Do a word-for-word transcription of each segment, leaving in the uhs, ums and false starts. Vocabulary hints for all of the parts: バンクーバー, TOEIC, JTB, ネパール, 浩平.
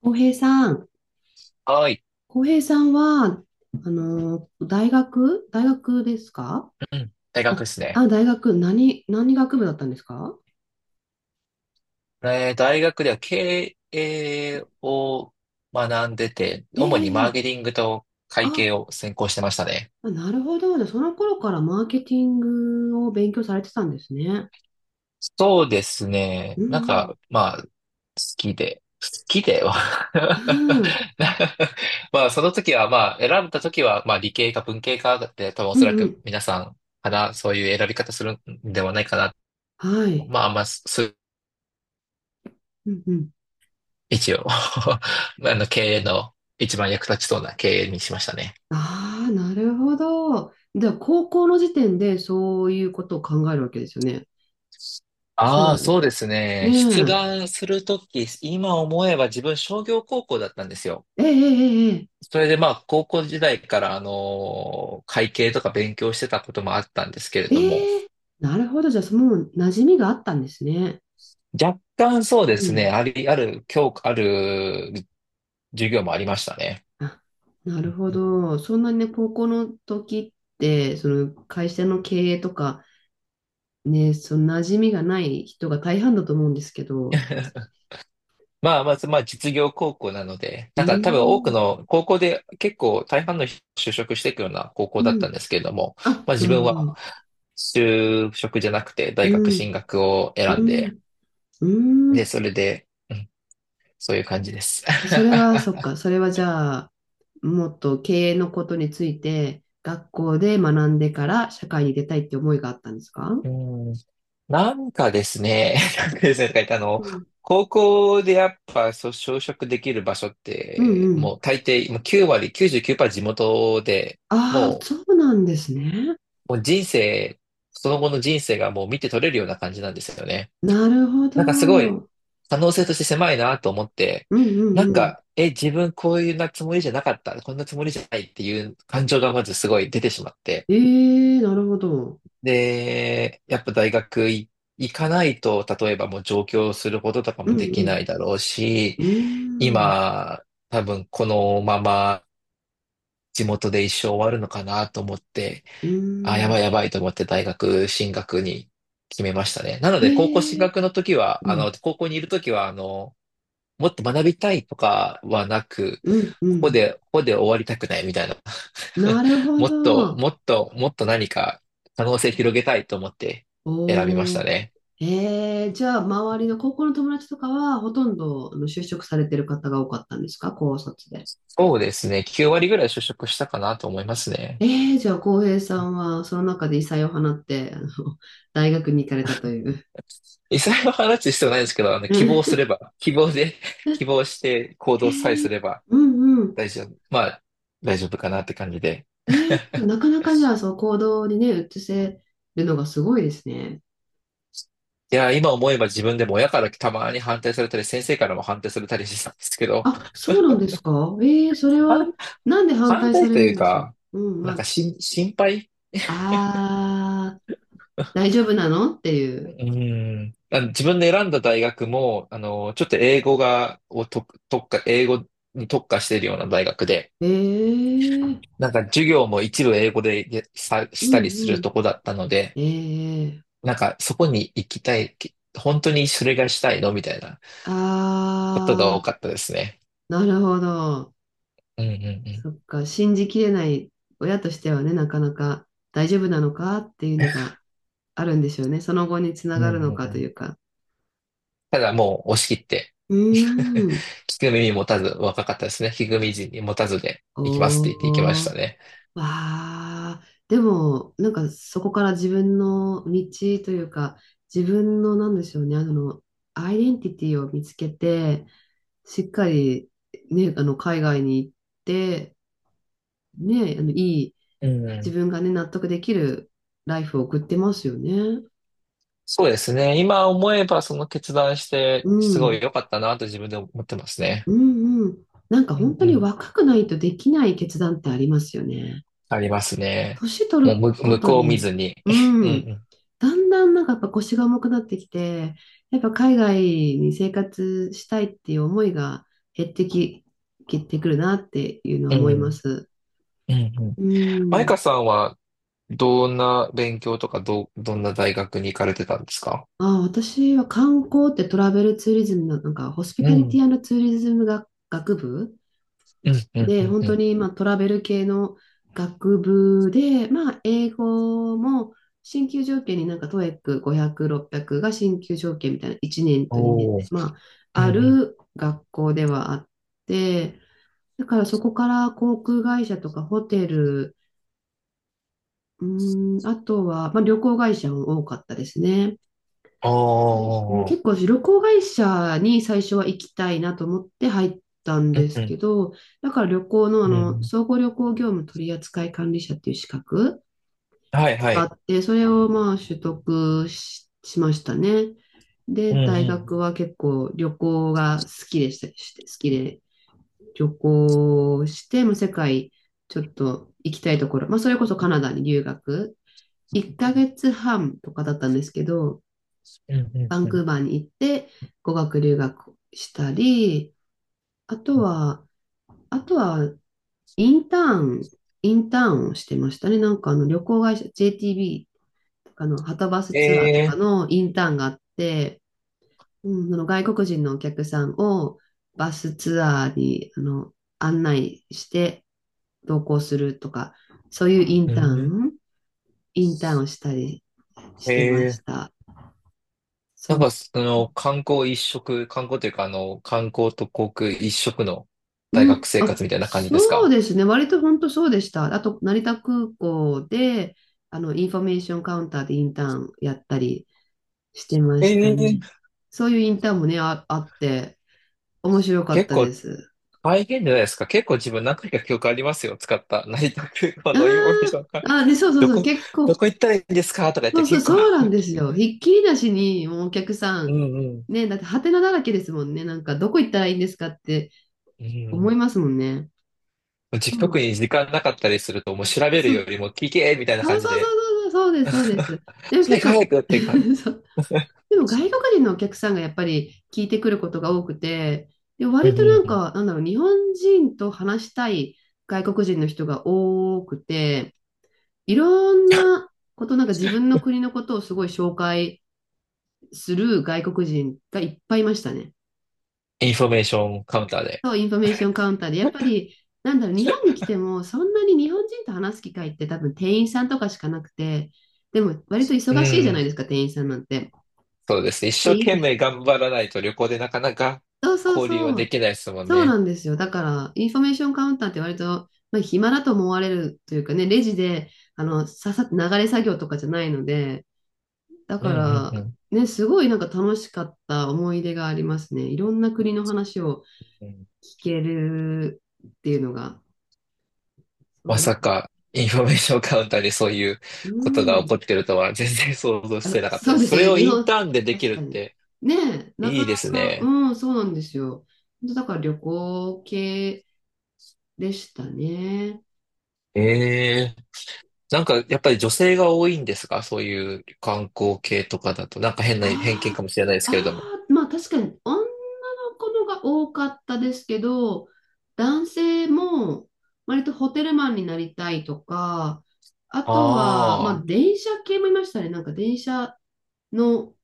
浩平さん、はい。浩平さんは、あの、大学大学ですか？うん。大学あ、ですね。あ、大学、何、何学部だったんですか？えー大学では経営を学んでて、え主にマえーえケえ、ティングと会あ、計を専攻してましたね。なるほど。じゃあ、その頃からマーケティングを勉強されてたんですね。そうですうね。なんんか、まあ、好きで。好きでは うん。うん、まあ、その時は、まあ、選んだ時は、まあ、理系か文系かで、多分おうんそらうくん。皆さんかな、そういう選び方するんではないかな。はい。まあ、あんま、すうんうん。一応 あの、経営の一番役立ちそうな経営にしましたね。ああ、なるほど。じゃあ、高校の時点でそういうことを考えるわけですよね。将あ来。あ、そうですねね。出え。願するとき、今思えば自分商業高校だったんですよ。えええええそれでまあ、高校時代から、あの会計とか勉強してたこともあったんですけれども、ええ、なるほど。じゃあ、もう馴染みがあったんですね。若干そうでうすね、ん。あり、ある、教科、ある授業もありましたね。あ、なるほど。そんなにね、高校の時って、その会社の経営とか、ね、その馴染みがない人が大半だと思うんですけど。まあ、まず、まあ、実業高校なので、うなんか多分多くーん。の高校で結構大半の人就職していくような高校うだったんん。ですけれども、あ、まあ自なる分ほはど。就職じゃなくて大学う進ん。学を選うんで、ん。うで、ん。それで、うんそういう感じです。それは、そっか。それはじゃあ、もっと経営のことについて、学校で学んでから社会に出たいって思いがあったんですか？うん、なんかですね、なんかですね、とか言ってあの、うん。高校でやっぱ、そう、就職できる場所っうんて、うん。もう大抵、もうきゅう割、きゅうじゅうきゅうパーセント地元で、ああ、もうそうなんですね。もう人生、その後の人生がもう見て取れるような感じなんですよね。なるほど。なんかすごいうん可能性として狭いなと思って、うんなんうん。か、え、自分こういうなつもりじゃなかった、こんなつもりじゃないっていう感情がまずすごい出てしまって。ええ、なるほど。で、やっぱ大学い行かないと、例えばもう上京することとかうもできなんいだろうし、うん。うーん。今、多分このまま地元で一生終わるのかなと思って、うあ、ーやばいん。やばいと思って大学進学に決めましたね。なので、高校進ええ、学の時うは、あんの、高校にいる時は、あの、もっと学びたいとかはなく、うんうここん。で、ここで終わりたくないみたいな。な るほもっと、ど。もっと、もっと何か可能性広げたいと思って選びましおたお。ね。ええ、じゃあ、周りの高校の友達とかは、ほとんどあの就職されてる方が多かったんですか、高卒で？そうですね。きゅう割ぐらい就職したかなと思いますね。ええ、じゃあ、浩平さんは、その中で異彩を放って、あの、大学に行かれたという。実際は話す必要ないんですけど、あの、希望うすれば、希望で、希望して行動さえすれば、んうん、大丈夫。まあ、大丈夫かなって感じで。なかなかじゃあ、その行動にね、移せるのがすごいですね。いや、今思えば自分でも親からたまに反対されたり、先生からも反対されたりしてたんですけど、あ、そうなんですか？ええ、それ反は、なんで反反対さ対れとるいうんでしょか、う。うん、なんかまし、心配あ、あー、大丈夫なのっていうう。ーん。あの自分で選んだ大学も、あの、ちょっと英語が、をと、特化、英語に特化しているような大学で、ええ、なんか授業も一部英語でやさ、うしたりすんうるん。とこだったので、ええ、なんかそこに行きたい、本当にそれがしたいのみたいなことが多あかったですね。ー、なるほど。うんうんそっか、信じきれない親としてはね、なかなか大丈夫なのかっていうのがあるんでしょうね。その後につうなん。うがんうるのんかうといん。うか。ただもう押し切って、う ーん。聞く耳持たず、若かったですね。聞く耳に持たずで行きますって言って行きましおたー。ね。わあ、でも、なんかそこから自分の道というか、自分のなんでしょうね、あの、アイデンティティを見つけて、しっかり、ね、あの、海外に行って、ね、あの、いい、うんう自ん。分がね、納得できるライフを送ってますよね。そうですね。今思えばその決断して、うすごいん、良かったなと自分で思ってますね。うん、うん。なんかう本ん当うにん。若くないとできない決断ってありますよね。ありますね。年取もうる向、こ向とこう見に、ずに。う うん、んだんだんなんかやっぱ腰が重くなってきて、やっぱ海外に生活したいっていう思いが減ってき、減ってくるなっていうのはうん。思ういまんす。うん。うんうん。うマイん。カさんはどんな勉強とかど、どんな大学に行かれてたんですか？あ、私は観光ってトラベルツーリズムの、なんかホスピうタリテん。ィツーリズム学、学部うんうんうで、ん本う当ん。に、まあ、トラベル系の学部で、まあ、英語も進級条件になんか トーイック ごひゃく、ろっぴゃくが進級条件みたいないちねんとにねんで、おお。まうあ、んうあんる学校ではあって、だからそこから航空会社とかホテル、うーん、あとは、まあ、旅行会社も多かったですね。あで、うん、あ、結構旅行会社に最初は行きたいなと思って入ったんうん、でうすけん、ど、だから旅行のあうの、ん。総合旅行業務取扱管理者っていう資格はい、はがあっい。て、それをまあ取得し、しましたね。うん、で、う大ん、学は結構旅行が好きでした、して好きで旅行して、まあ、世界ちょっと行きたいところ、まあ、それこそカナダに留学、いっかげつはんとかだったんですけど、うん、うバん、ンうん。クーバーに行って語学留学したり、あとうんは、あとはインターン、インターンをしてましたね。なんかあの旅行会社 ジェーティービー とかのはたバスえツアーとかえのインターンがあって、うん、その外国人のお客さんをバスツアーにあの案内して同行するとか、そういうインうターん、ン、インターンをしたりしてまえしえた。なんそか、う。その、観光一色、観光というか、あの、観光と航空一色の大う学ん、生あ、活みたいな感じですそうか？ですね。割と本当そうでした。あと、成田空港で、あの、インフォメーションカウンターでインターンやったりしてえましたね。え、そういうインターンもね、あ、あって、面白かっ結た構です。大変じゃないですか？結構自分何回か記憶ありますよ。使った 成田空港あのインフォメーションが。あ、あ、ね、そうそうどそう、こ、結ど構、こ行ったらいいんですかとか言っそてうそう、結構 そうなんです よ。ひっきりなしに、もうお客さうん、んうん。ね、だって、ハテナだらけですもんね。なんか、どこ行ったらいいんですかってう思いんますもんね。じそ特う、に時間なかったりすると、もう調べるそよう、りも聞けみたいなそ感うじそで、うそうそう、そうです、そうです。でも早結く早構、くっていくか。そうでも外国人のお客さんがやっぱり聞いてくることが多くて、で、う割んうとなんん。か、なんだろう、日本人と話したい外国人の人が多くて、いろんなこと、なんか自分の国のことをすごい紹介する外国人がいっぱいいましたね。インフォメーションカウンターで。そう、インフォメーションカウンターで、やっぱり、なんだろう、日本に来てもそんなに日本人と話す機会って多分店員さんとかしかなくて、でも割とう忙しいじゃないん。ですか、店員さんなんて。そうですね。一は生い、懸命頑張らないと旅行でなかなかそうそう交流はそでう。きないですもんそうね。なんですよ。だから、インフォメーションカウンターって割と、まあ、暇だと思われるというかね、レジで、あの、ささ、流れ作業とかじゃないので、だうかんうんうら、ん。ね、すごいなんか楽しかった思い出がありますね。いろんな国の話をうん聞けるっていうのが。そまうだ、さか、インフォメーションカウンターでそういううことが起ん。こってるとは全然想像あ、してなかったそでうです。すそよれね。を日イン本、ターンででき確かるっに。てねえ、ないかいなですか、ね。うん、そうなんですよ。本当だから旅行系でしたね。ええなんか、やっぱり女性が多いんですか？そういう観光系とかだと。なんか変な偏見あかもしれないですあ、あけれども。あ、まあ確かに女の子のが多かったですけど、男性も割とホテルマンになりたいとか、あとは、まああ電車系もいましたね。なんか電車の、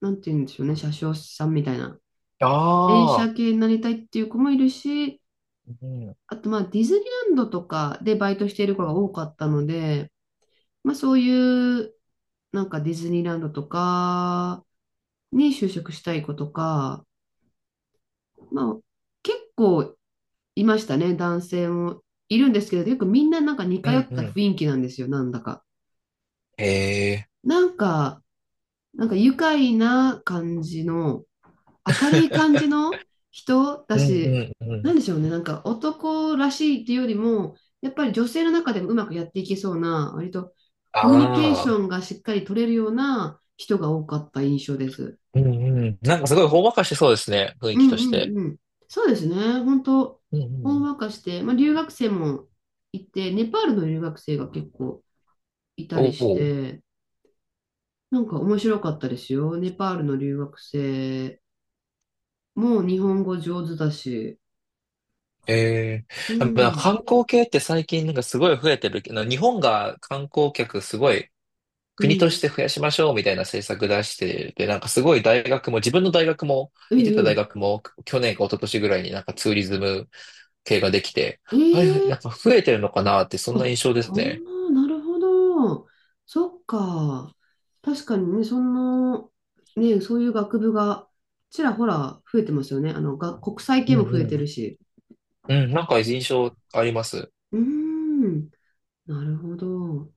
なんて言うんでしょうね、車掌さんみたいな。あ、電ああ、車系になりたいっていう子もいるし、うん、あとまあディズニーランドとかでバイトしている子が多かったので、まあそういう、なんかディズニーランドとかに就職したい子とか、まあ、結構いましたね、男性も。いるんですけど、よくみんななんか似通うっん、うたん。雰囲気なんですよ、なんだか。へえ。なんか、なんか愉快な感じの、明るい感じ の人だうん、し、うん、うなんでん。しょうね、なんか男らしいっていうよりも、やっぱり女性の中でもうまくやっていけそうな、割とあコミュニケーシあ、ョンがしっかり取れるような人が多かった印象です。うん、うん。なんかすごいほんわかしてそうですね。雰囲う気んとしうて。んうん。そうですね。本当、うん、ほうんん。わかして、まあ、留学生もいて、ネパールの留学生が結構いたりおしお。て、なんか面白かったですよ。ネパールの留学生も日本語上手だし。ええうやっぱん、観光系って最近なんかすごい増えてるけど、日本が観光客すごいう国としてん。増やしましょうみたいな政策出して、で、なんかすごい大学も、自分の大学も、え行ってた大え、学も、去年か一昨年ぐらいになんかツーリズム系ができて、えあれ、え、なんか増えてるのかなって、そんあ、な印象であすね。ーなるほど。そっか。確かにね、その、ね、そういう学部がちらほら増えてますよね。あの、が、国際う系んも増えうてるん。し。うん、なんか印象あります。うーん、なるほど。